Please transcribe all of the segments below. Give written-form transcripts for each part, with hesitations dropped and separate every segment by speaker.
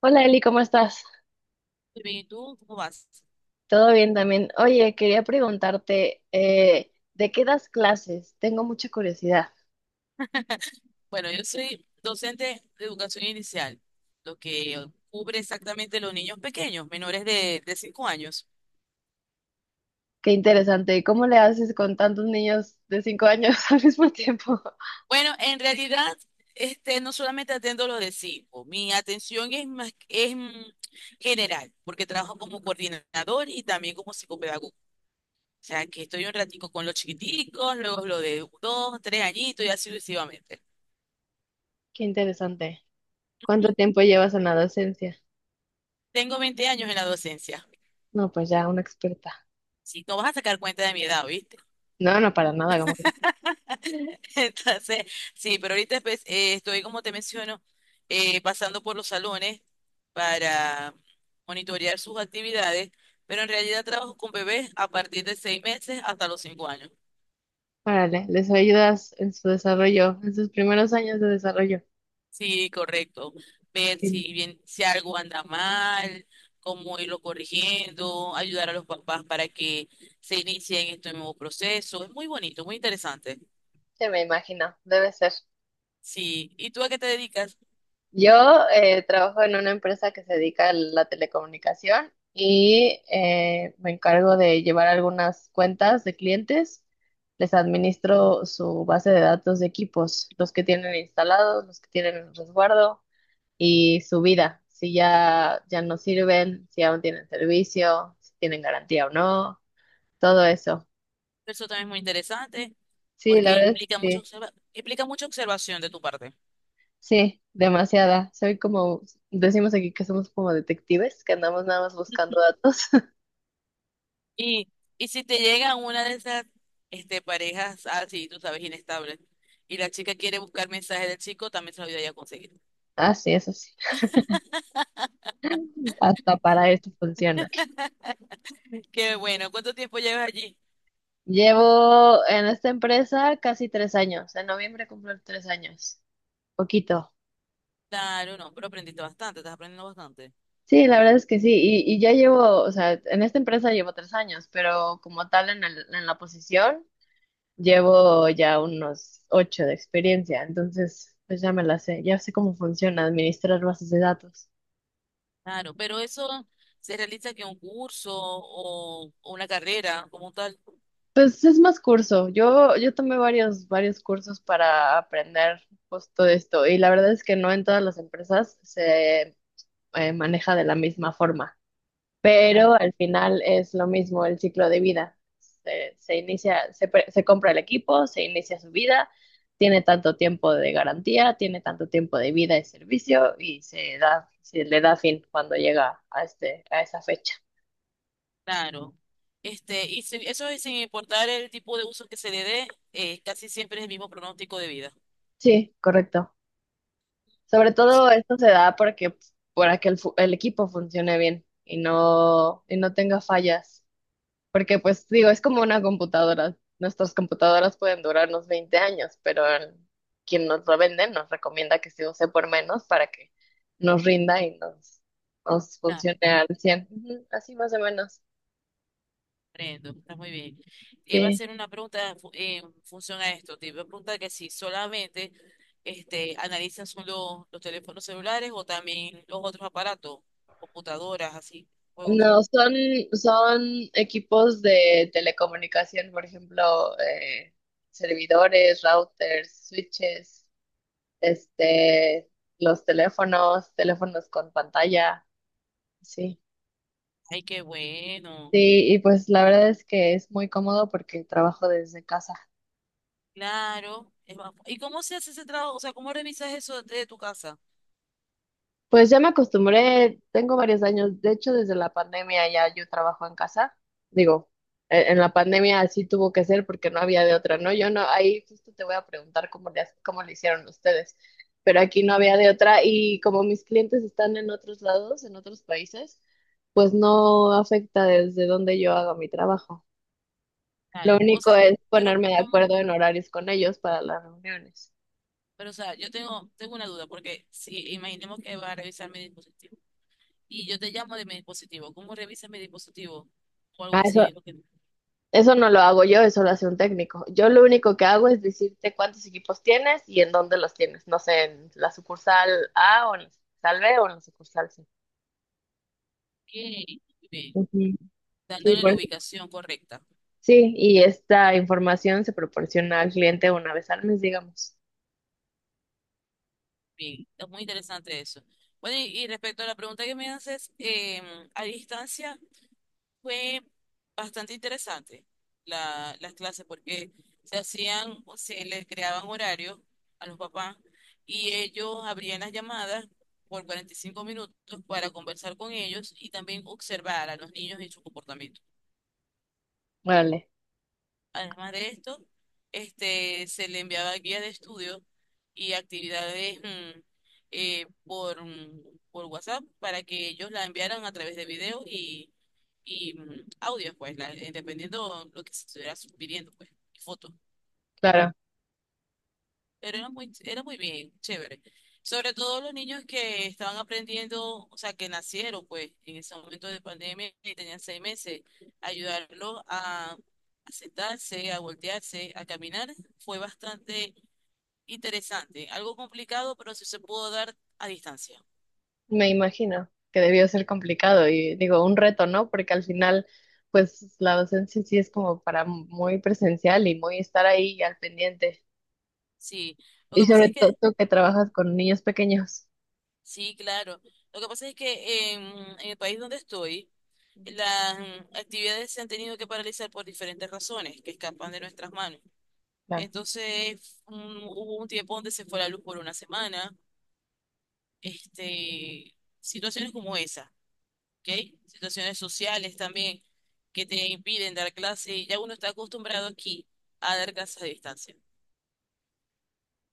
Speaker 1: Hola Eli, ¿cómo estás?
Speaker 2: Muy bien, ¿y tú cómo vas?
Speaker 1: Todo bien también. Oye, quería preguntarte, ¿de qué das clases? Tengo mucha curiosidad.
Speaker 2: Bueno, yo soy docente de educación inicial, lo que cubre exactamente los niños pequeños, menores de 5 años.
Speaker 1: Qué interesante. ¿Y cómo le haces con tantos niños de 5 años al mismo tiempo?
Speaker 2: Bueno, en realidad, no solamente atendo los de cinco. Mi atención es más, general, porque trabajo como coordinador y también como psicopedagogo. O sea, que estoy un ratico con los chiquiticos, luego los de 2 3 añitos y así sucesivamente.
Speaker 1: Qué interesante. ¿Cuánto tiempo llevas en la docencia?
Speaker 2: Tengo 20 años en la docencia.
Speaker 1: No, pues ya, una experta.
Speaker 2: Si no vas a sacar cuenta de mi edad, ¿viste?
Speaker 1: No, no, para nada, como que.
Speaker 2: Entonces, sí, pero ahorita pues, estoy, como te menciono, pasando por los salones para monitorear sus actividades, pero en realidad trabajo con bebés a partir de 6 meses hasta los 5 años.
Speaker 1: Órale, les ayudas en su desarrollo, en sus primeros años de desarrollo.
Speaker 2: Sí, correcto. Ver
Speaker 1: Sí,
Speaker 2: si bien, si algo anda mal, cómo irlo corrigiendo, ayudar a los papás para que se inicien este nuevo proceso. Es muy bonito, muy interesante.
Speaker 1: me imagino, debe ser.
Speaker 2: Sí. ¿Y tú a qué te dedicas?
Speaker 1: Yo trabajo en una empresa que se dedica a la telecomunicación y me encargo de llevar algunas cuentas de clientes. Les administro su base de datos de equipos, los que tienen instalados, los que tienen en resguardo y su vida, si ya no sirven, si aún tienen servicio, si tienen garantía o no, todo eso.
Speaker 2: Eso también es muy interesante
Speaker 1: Sí,
Speaker 2: porque
Speaker 1: la verdad,
Speaker 2: implica
Speaker 1: sí,
Speaker 2: implica mucha observación de tu parte.
Speaker 1: sí, demasiada. Soy como, decimos aquí que somos como detectives, que andamos nada más buscando datos.
Speaker 2: Y, si te llega una de esas parejas así, tú sabes, inestables, y la chica quiere buscar mensajes del chico, también se lo voy a conseguir.
Speaker 1: Así es, así. Hasta para esto funciona.
Speaker 2: Qué bueno, ¿cuánto tiempo llevas allí?
Speaker 1: Llevo en esta empresa casi 3 años. En noviembre cumplo 3 años. Poquito.
Speaker 2: Claro, no, pero aprendiste bastante, estás aprendiendo bastante.
Speaker 1: Sí, la verdad es que sí. Y ya llevo, o sea, en esta empresa llevo 3 años, pero como tal en en la posición llevo ya unos ocho de experiencia. Entonces, pues ya me la sé. Ya sé cómo funciona administrar bases de datos.
Speaker 2: Claro, pero eso se realiza que un curso o una carrera como tal.
Speaker 1: Pues es más curso. Yo tomé varios cursos para aprender justo esto y la verdad es que no en todas las empresas se maneja de la misma forma,
Speaker 2: Claro.
Speaker 1: pero al final es lo mismo el ciclo de vida. Se inicia, se compra el equipo, se inicia su vida, tiene tanto tiempo de garantía, tiene tanto tiempo de vida y servicio y se le da fin cuando llega a este, a esa fecha.
Speaker 2: Claro. Este, eso es sin importar el tipo de uso que se le dé, casi siempre es el mismo pronóstico de vida.
Speaker 1: Sí, correcto. Sobre
Speaker 2: Y su
Speaker 1: todo esto se da porque pues, para que el equipo funcione bien y no tenga fallas. Porque pues digo, es como una computadora. Nuestras computadoras pueden durarnos 20 años, pero quien nos lo vende nos recomienda que se use por menos para que nos rinda y nos
Speaker 2: está,
Speaker 1: funcione al 100. Ujú. Así más o menos.
Speaker 2: comprendo, está muy bien. Iba a
Speaker 1: Sí.
Speaker 2: hacer una pregunta en función a esto. Te iba a preguntar que si solamente analizan solo los teléfonos celulares o también los otros aparatos, computadoras, así, juegos son.
Speaker 1: No, son equipos de telecomunicación, por ejemplo, servidores, routers, switches. este, los teléfonos, teléfonos con pantalla, sí.
Speaker 2: Ay, qué bueno.
Speaker 1: Sí, y pues la verdad es que es muy cómodo porque trabajo desde casa.
Speaker 2: Claro. ¿Y cómo se hace ese trabajo? O sea, ¿cómo revisas eso de tu casa?
Speaker 1: Pues ya me acostumbré, tengo varios años, de hecho desde la pandemia ya yo trabajo en casa, digo, en la pandemia así tuvo que ser porque no había de otra, ¿no? Yo no, ahí justo te voy a preguntar cómo le hicieron ustedes, pero aquí no había de otra y como mis clientes están en otros lados, en otros países, pues no afecta desde donde yo haga mi trabajo. Lo
Speaker 2: Claro. O
Speaker 1: único
Speaker 2: sea,
Speaker 1: es
Speaker 2: pero
Speaker 1: ponerme de
Speaker 2: ¿cómo?
Speaker 1: acuerdo en horarios con ellos para las reuniones.
Speaker 2: Pero, o sea, yo tengo, una duda, porque si imaginemos que va a revisar mi dispositivo y yo te llamo de mi dispositivo, ¿cómo revisa mi dispositivo? O algo
Speaker 1: Ah,
Speaker 2: así,
Speaker 1: eso.
Speaker 2: es lo que...
Speaker 1: Eso no lo hago yo, eso lo hace un técnico. Yo lo único que hago es decirte cuántos equipos tienes y en dónde los tienes. No sé, en la sucursal A o en la sucursal B o en la sucursal C.
Speaker 2: Bien, bien,
Speaker 1: Ujú. Sí,
Speaker 2: dándole
Speaker 1: por
Speaker 2: la
Speaker 1: eso.
Speaker 2: ubicación correcta.
Speaker 1: Sí, y esta información se proporciona al cliente una vez al mes, digamos.
Speaker 2: Bien, es muy interesante eso. Bueno, y, respecto a la pregunta que me haces, a distancia, fue bastante interesante las clases porque se hacían, o se les creaban horarios a los papás y ellos abrían las llamadas por 45 minutos para conversar con ellos y también observar a los niños y su comportamiento.
Speaker 1: Vale,
Speaker 2: Además de esto, se le enviaba guía de estudio y actividades eh, por, mm, por WhatsApp para que ellos la enviaran a través de video y audios, pues, dependiendo lo que se estuviera pidiendo, pues, y fotos.
Speaker 1: claro.
Speaker 2: Pero era muy bien, chévere. Sobre todo los niños que estaban aprendiendo, o sea, que nacieron, pues, en ese momento de pandemia y tenían 6 meses, ayudarlos a, sentarse, a voltearse, a caminar, fue bastante interesante. Algo complicado, pero sí se pudo dar a distancia.
Speaker 1: Me imagino que debió ser complicado y digo, un reto, ¿no? Porque al final, pues la docencia sí es como para muy presencial y muy estar ahí al pendiente.
Speaker 2: Sí, lo
Speaker 1: Y
Speaker 2: que pasa es
Speaker 1: sobre todo
Speaker 2: que,
Speaker 1: tú que trabajas con niños pequeños.
Speaker 2: sí, claro, lo que pasa es que en el país donde estoy,
Speaker 1: Ujú.
Speaker 2: las actividades se han tenido que paralizar por diferentes razones que escapan de nuestras manos.
Speaker 1: Claro.
Speaker 2: Hubo un tiempo donde se fue la luz por una semana. Este, situaciones como esa, ¿ok? Situaciones sociales también que te impiden dar clase. Ya uno está acostumbrado aquí a dar clases a distancia.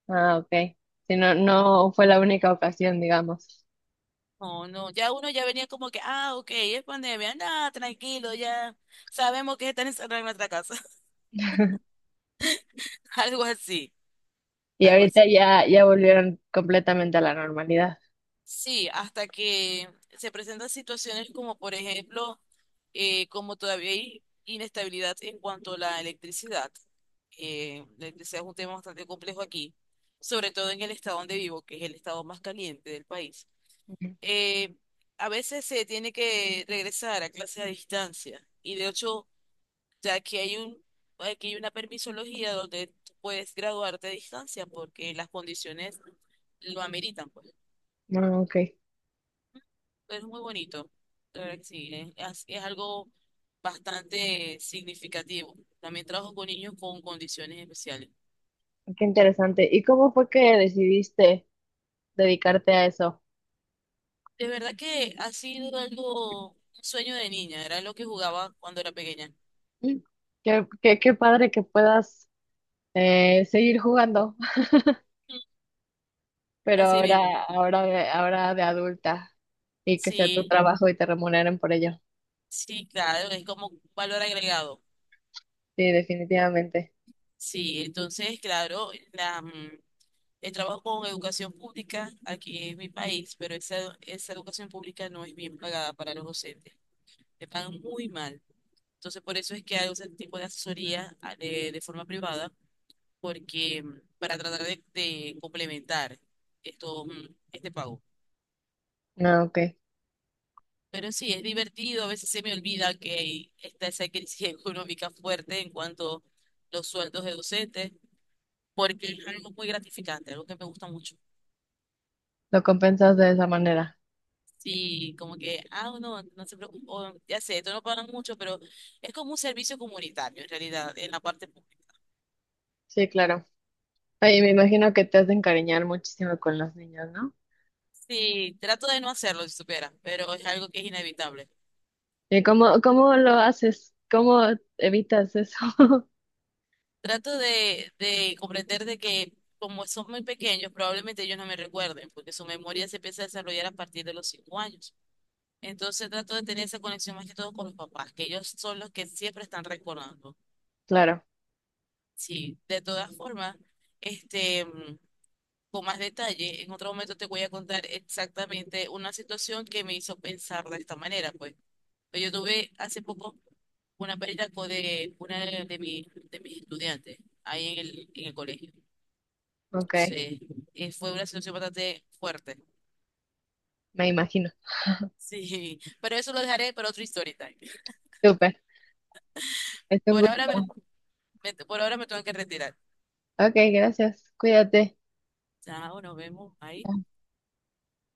Speaker 1: Ah, ok. Si no, no fue la única ocasión, digamos.
Speaker 2: No, no, ya uno ya venía como que, ah, ok, es pandemia, nada, tranquilo, ya sabemos que están encerrados en nuestra casa. Algo así,
Speaker 1: Y
Speaker 2: algo
Speaker 1: ahorita
Speaker 2: así.
Speaker 1: ya volvieron completamente a la normalidad.
Speaker 2: Sí, hasta que se presentan situaciones como, por ejemplo, como todavía hay inestabilidad en cuanto a la electricidad. La electricidad es un tema bastante complejo aquí, sobre todo en el estado donde vivo, que es el estado más caliente del país.
Speaker 1: Ujú.
Speaker 2: Eh, a veces se tiene que regresar a clases a distancia y de hecho, ya que aquí hay una permisología donde tú puedes graduarte a distancia porque las condiciones lo ameritan, pues.
Speaker 1: Ah, ok.
Speaker 2: Es muy bonito, de verdad que sí, es algo bastante significativo. También trabajo con niños con condiciones especiales.
Speaker 1: Qué interesante. ¿Y cómo fue que decidiste dedicarte a eso?
Speaker 2: De verdad que ha sido algo, un sueño de niña, era lo que jugaba cuando era pequeña.
Speaker 1: Mm. Qué padre que puedas seguir jugando,
Speaker 2: Mm.
Speaker 1: pero
Speaker 2: Así mismo,
Speaker 1: ahora de adulta y que sea tu
Speaker 2: sí,
Speaker 1: trabajo y te remuneren por ello.
Speaker 2: sí, claro, es como un valor agregado.
Speaker 1: Sí, definitivamente.
Speaker 2: Sí, entonces, claro, el trabajo con educación pública aquí en mi país, pero esa educación pública no es bien pagada para los docentes, te pagan muy mal. Entonces, por eso es que hago ese tipo de asesoría de forma privada, porque para tratar de complementar este pago.
Speaker 1: Ah, ok.
Speaker 2: Pero sí, es divertido, a veces se me olvida que está esa crisis económica fuerte en cuanto a los sueldos de docentes, porque es algo muy gratificante, algo que me gusta mucho.
Speaker 1: Lo compensas de esa manera.
Speaker 2: Sí, como que, ah, no, no se preocupe, o, ya sé, esto no pagan mucho, pero es como un servicio comunitario en realidad, en la parte pública.
Speaker 1: Sí, claro. Oye, me imagino que te has de encariñar muchísimo con los niños, ¿no?
Speaker 2: Sí, trato de no hacerlo, si supiera, pero es algo que es inevitable.
Speaker 1: ¿Y cómo lo haces? ¿Cómo evitas eso?
Speaker 2: Trato de comprender de que como son muy pequeños, probablemente ellos no me recuerden, porque su memoria se empieza a desarrollar a partir de los 5 años. Entonces trato de tener esa conexión más que todo con los papás, que ellos son los que siempre están recordando.
Speaker 1: Claro,
Speaker 2: Sí, de todas formas, este, mm, con más detalle, en otro momento te voy a contar exactamente una situación que me hizo pensar de esta manera, pues. Pues yo tuve hace poco una de una de mis estudiantes ahí en el colegio.
Speaker 1: ok,
Speaker 2: Sí, y fue una situación bastante fuerte.
Speaker 1: me imagino.
Speaker 2: Sí, pero eso lo dejaré para otro story time.
Speaker 1: Súper, es un
Speaker 2: Por ahora
Speaker 1: gusto.
Speaker 2: por ahora me tengo que retirar.
Speaker 1: Ok, gracias, cuídate.
Speaker 2: Chao, nos vemos. Ahí.